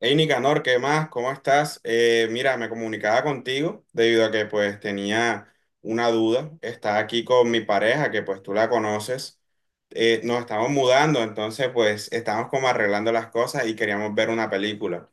Hey Nicanor, ¿qué más? ¿Cómo estás? Mira, me comunicaba contigo debido a que pues tenía una duda. Está aquí con mi pareja, que pues tú la conoces. Nos estamos mudando, entonces pues estamos como arreglando las cosas y queríamos ver una película,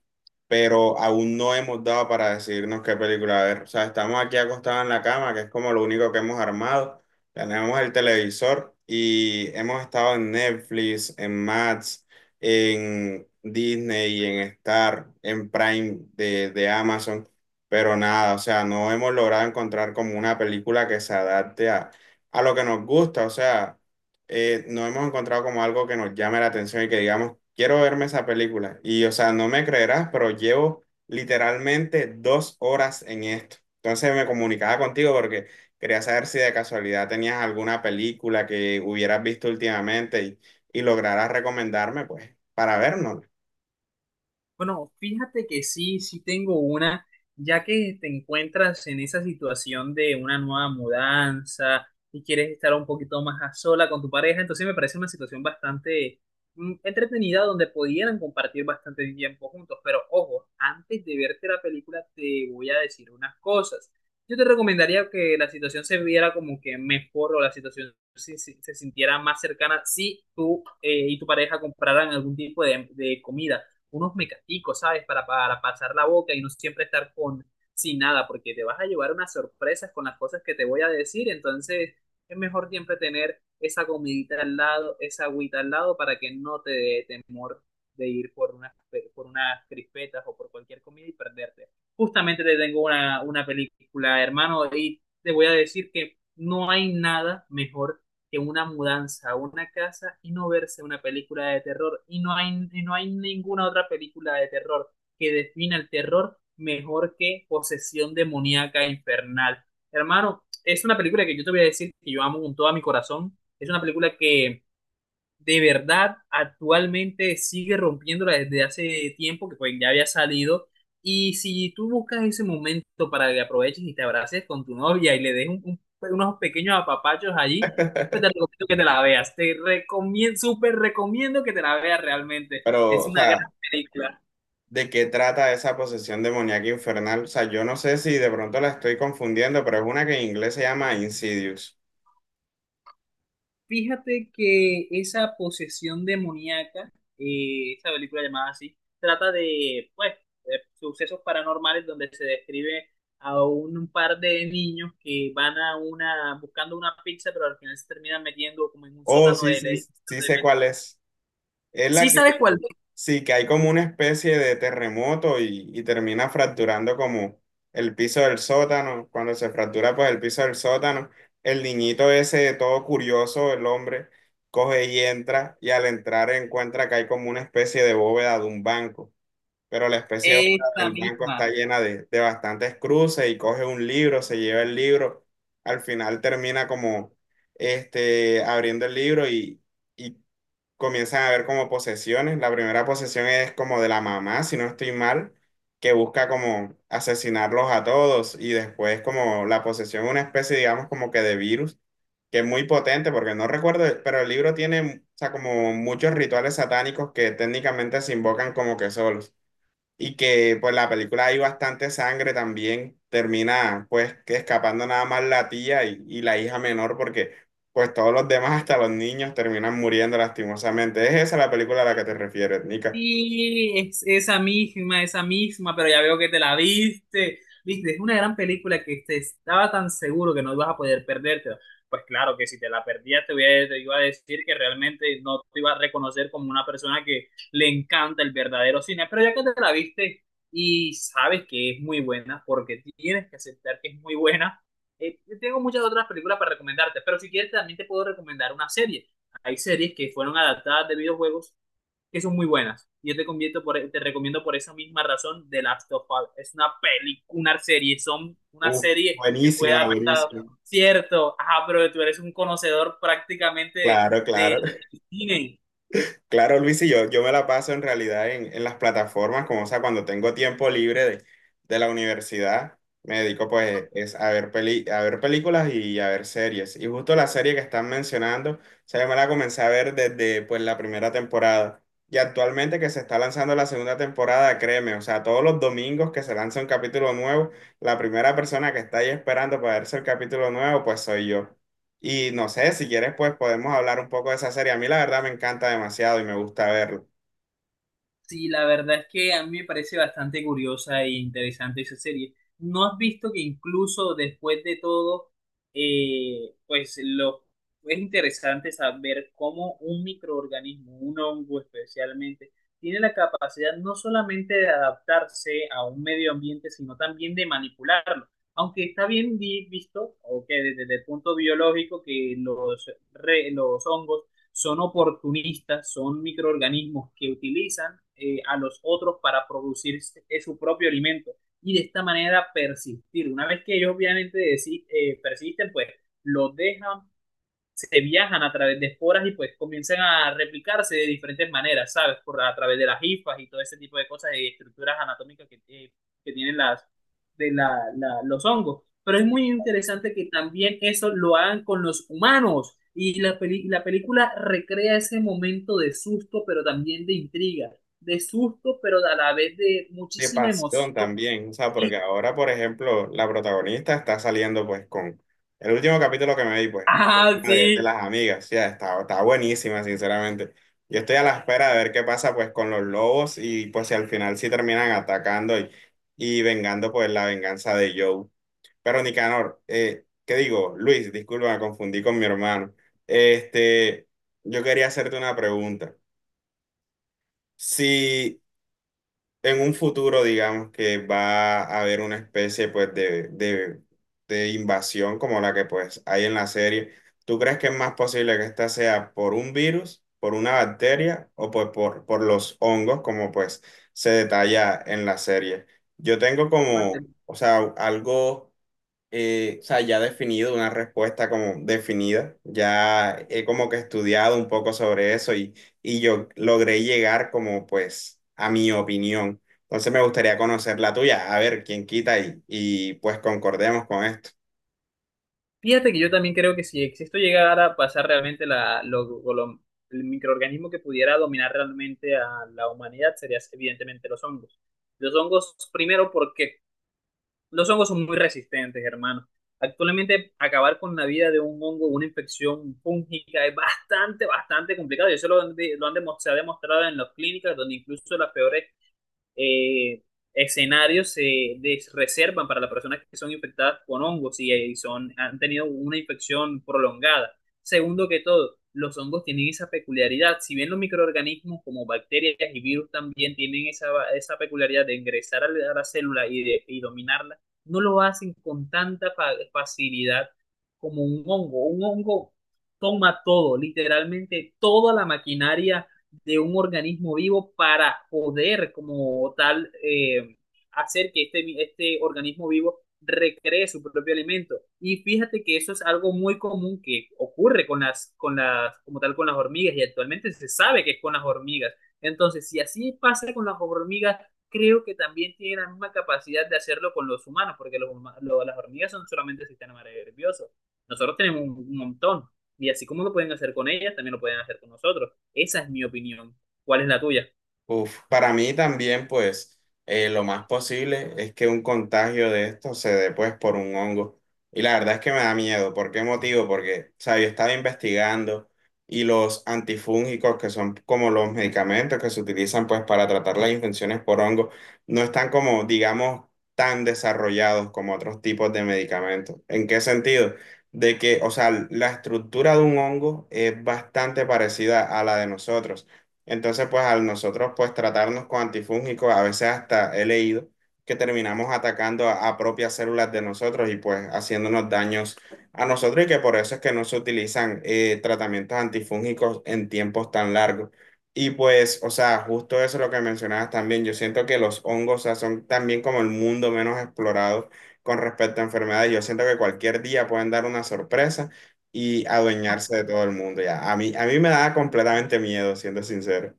pero aún no hemos dado para decirnos qué película ver. O sea, estamos aquí acostados en la cama, que es como lo único que hemos armado. Tenemos el televisor y hemos estado en Netflix, en Max, en Disney y en Star, en Prime de Amazon, pero nada, o sea, no hemos logrado encontrar como una película que se adapte a lo que nos gusta, o sea, no hemos encontrado como algo que nos llame la atención y que digamos, quiero verme esa película. Y o sea, no me creerás, pero llevo literalmente 2 horas en esto. Entonces me comunicaba contigo porque quería saber si de casualidad tenías alguna película que hubieras visto últimamente y lograra recomendarme, pues, para vernos. Bueno, fíjate que sí tengo una, ya que te encuentras en esa situación de una nueva mudanza y quieres estar un poquito más a sola con tu pareja. Entonces me parece una situación bastante entretenida, donde pudieran compartir bastante tiempo juntos. Pero ojo, antes de verte la película te voy a decir unas cosas. Yo te recomendaría que la situación se viera como que mejor, o la situación se sintiera más cercana si tú y tu pareja compraran algún tipo de comida, unos mecaticos, ¿sabes? Para pasar la boca y no siempre estar con, sin nada, porque te vas a llevar unas sorpresas con las cosas que te voy a decir. Entonces es mejor siempre tener esa comidita al lado, esa agüita al lado, para que no te dé temor de ir por unas, por unas crispetas o por cualquier comida y perderte. Justamente te tengo una película, hermano, y te voy a decir que no hay nada mejor que una mudanza a una casa y no verse una película de terror. Y no hay ninguna otra película de terror que defina el terror mejor que Posesión Demoníaca Infernal. Hermano, es una película que yo te voy a decir que yo amo con todo mi corazón. Es una película que de verdad actualmente sigue rompiéndola desde hace tiempo, que pues ya había salido. Y si tú buscas ese momento para que aproveches y te abraces con tu novia y le des unos pequeños apapachos allí, pues te recomiendo que te la veas. Te recomiendo, súper recomiendo que te la veas realmente. Es Pero, o una gran sea, película. ¿de qué trata esa posesión demoníaca infernal? O sea, yo no sé si de pronto la estoy confundiendo, pero es una que en inglés se llama Insidious. Fíjate que esa posesión demoníaca, esa película llamada así, trata de, pues, de sucesos paranormales, donde se describe a un par de niños que van a una, buscando una pizza, pero al final se terminan metiendo como en un Oh, sótano sí, de... sí, sí sé cuál es. Es la ¿Sí que sabes cuál es? sí, que hay como una especie de terremoto y termina fracturando como el piso del sótano. Cuando se fractura pues el piso del sótano, el niñito ese todo curioso, el hombre, coge y entra y al entrar encuentra que hay como una especie de bóveda de un banco. Pero la especie de bóveda Esta del banco misma. está llena de bastantes cruces y coge un libro, se lleva el libro. Al final termina como este, abriendo el libro y comienzan a haber como posesiones. La primera posesión es como de la mamá, si no estoy mal, que busca como asesinarlos a todos y después como la posesión, una especie, digamos, como que de virus, que es muy potente porque no recuerdo, pero el libro tiene, o sea, como muchos rituales satánicos que técnicamente se invocan como que solos. Y que pues la película hay bastante sangre también, termina pues que escapando nada más la tía y la hija menor porque pues todos los demás, hasta los niños, terminan muriendo lastimosamente. ¿Es esa la película a la que te refieres, Nica? Sí, es esa misma, pero ya veo que te la viste. Viste, es una gran película que te estaba tan seguro que no ibas a poder perdértela. Pues claro que si te la perdías te, te iba a decir que realmente no te iba a reconocer como una persona que le encanta el verdadero cine, pero ya que te la viste y sabes que es muy buena, porque tienes que aceptar que es muy buena, yo tengo muchas otras películas para recomendarte, pero si quieres también te puedo recomendar una serie. Hay series que fueron adaptadas de videojuegos que son muy buenas. Yo te, te recomiendo por esa misma razón The Last of Us. Es una película, una serie, son una Uh, serie que puede buenísima, adaptar, buenísima. cierto, ajá, pero tú eres un conocedor prácticamente Claro, claro. de cine. Claro, Luis, y yo me la paso en realidad en las plataformas, como o sea, cuando tengo tiempo libre de la universidad, me dedico pues es a ver peli, a ver películas y a ver series. Y justo la serie que están mencionando, o sea, yo me la comencé a ver desde pues la primera temporada. Y actualmente que se está lanzando la segunda temporada, créeme, o sea, todos los domingos que se lanza un capítulo nuevo, la primera persona que está ahí esperando para verse el capítulo nuevo, pues soy yo. Y no sé, si quieres, pues podemos hablar un poco de esa serie. A mí la verdad me encanta demasiado y me gusta verlo. Sí, la verdad es que a mí me parece bastante curiosa e interesante esa serie. ¿No has visto que incluso después de todo, pues lo es interesante saber cómo un microorganismo, un hongo especialmente, tiene la capacidad no solamente de adaptarse a un medio ambiente, sino también de manipularlo? Aunque está bien visto, o que desde el punto biológico, que los, los hongos son oportunistas, son microorganismos que utilizan a los otros para producir su propio alimento y de esta manera persistir. Una vez que ellos obviamente persisten, pues los dejan, se viajan a través de esporas, y pues comienzan a replicarse de diferentes maneras, ¿sabes? Por, a través de las hifas y todo ese tipo de cosas y estructuras anatómicas que tienen las, de la, los hongos. Pero es muy interesante que también eso lo hagan con los humanos, y la, la película recrea ese momento de susto, pero también de intriga, de susto, pero a la vez de De muchísima pasión emoción. también, o sea, porque Sí. ahora, por ejemplo, la protagonista está saliendo pues con el último capítulo que me vi, pues, Ah, una de sí. las amigas, ya está, está buenísima, sinceramente. Yo estoy a la espera de ver qué pasa pues con los lobos y pues si al final sí terminan atacando y vengando pues la venganza de Joe. Pero Nicanor, ¿qué digo? Luis, disculpa, me confundí con mi hermano. Este, yo quería hacerte una pregunta. Si en un futuro, digamos, que va a haber una especie, pues, de invasión como la que, pues, hay en la serie, ¿tú crees que es más posible que esta sea por un virus, por una bacteria o, pues, por los hongos, como, pues, se detalla en la serie? Yo tengo como, o sea, algo o sea, ya definido, una respuesta como definida. Ya he como que estudiado un poco sobre eso y yo logré llegar como pues a mi opinión. Entonces me gustaría conocer la tuya, a ver quién quita y pues concordemos con esto. Fíjate que yo también creo que si esto llegara a pasar realmente la, el microorganismo que pudiera dominar realmente a la humanidad sería evidentemente los hongos. Los hongos, primero, porque los hongos son muy resistentes, hermano. Actualmente, acabar con la vida de un hongo, una infección fúngica, es bastante, bastante complicado. Y eso lo, lo se ha demostrado en las clínicas, donde incluso las peores eh, escenarios reservan para las personas que son infectadas con hongos y, son, han tenido una infección prolongada. Segundo que todo, los hongos tienen esa peculiaridad. Si bien los microorganismos como bacterias y virus también tienen esa peculiaridad de ingresar a la célula y, de, y dominarla, no lo hacen con tanta facilidad como un hongo. Un hongo toma todo, literalmente toda la maquinaria de un organismo vivo, para poder como tal hacer que este organismo vivo recree su propio alimento. Y fíjate que eso es algo muy común que ocurre con como tal, con las hormigas, y actualmente se sabe que es con las hormigas. Entonces, si así pasa con las hormigas, creo que también tiene la misma capacidad de hacerlo con los humanos, porque los, las hormigas son solamente sistemas nerviosos. Nosotros tenemos un montón, y así como lo pueden hacer con ellas, también lo pueden hacer con nosotros. Esa es mi opinión. ¿Cuál es la tuya? Uf, para mí también, pues, lo más posible es que un contagio de esto se dé, pues, por un hongo. Y la verdad es que me da miedo. ¿Por qué motivo? Porque, o sea, yo estaba investigando y los antifúngicos, que son como los medicamentos que se utilizan, pues, para tratar las infecciones por hongo, no están como, digamos, tan desarrollados como otros tipos de medicamentos. ¿En qué sentido? De que, o sea, la estructura de un hongo es bastante parecida a la de nosotros. Entonces, pues al nosotros pues tratarnos con antifúngicos, a veces hasta he leído que terminamos atacando a propias células de nosotros y pues haciéndonos daños a nosotros y que por eso es que no se utilizan tratamientos antifúngicos en tiempos tan largos. Y pues, o sea, justo eso es lo que mencionabas también. Yo siento que los hongos, o sea, son también como el mundo menos explorado con respecto a enfermedades. Yo siento que cualquier día pueden dar una sorpresa y adueñarse de todo el mundo. Ya, a mí me da completamente miedo, siendo sincero.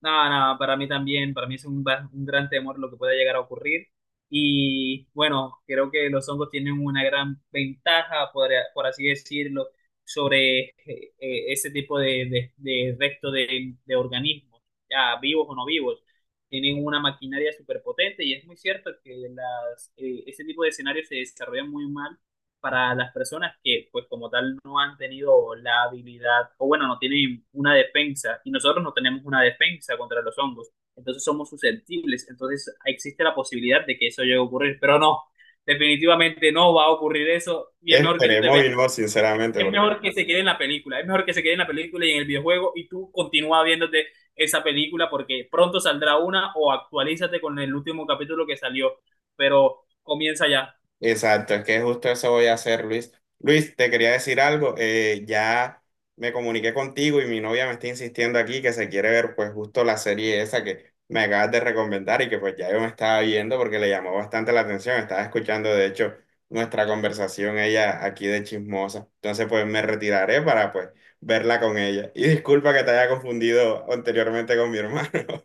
Nada, nada, para mí también, para mí es un, un gran temor lo que pueda llegar a ocurrir. Y bueno, creo que los hongos tienen una gran ventaja, por así decirlo, sobre ese tipo de resto de organismos, ya vivos o no vivos. Tienen una maquinaria superpotente, y es muy cierto que las, ese tipo de escenarios se desarrollan muy mal para las personas que, pues como tal, no han tenido la habilidad, o bueno, no tienen una defensa, y nosotros no tenemos una defensa contra los hongos, entonces somos susceptibles, entonces existe la posibilidad de que eso llegue a ocurrir, pero no, definitivamente no va a ocurrir eso, y es mejor que tú te Esperemos veas, y no, sinceramente, es porque mejor que se quede en la película, es mejor que se quede en la película y en el videojuego, y tú continúa viéndote esa película porque pronto saldrá una, o actualízate con el último capítulo que salió, pero comienza ya. exacto, es que justo eso voy a hacer, Luis. Luis, te quería decir algo, ya me comuniqué contigo y mi novia me está insistiendo aquí que se quiere ver pues justo la serie esa que me acabas de recomendar y que pues ya yo me estaba viendo porque le llamó bastante la atención, estaba escuchando de hecho nuestra conversación ella aquí de chismosa, entonces pues me retiraré para pues verla con ella. Y disculpa que te haya confundido anteriormente con mi hermano.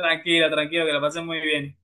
Tranquila, tranquilo, que la pasen muy bien.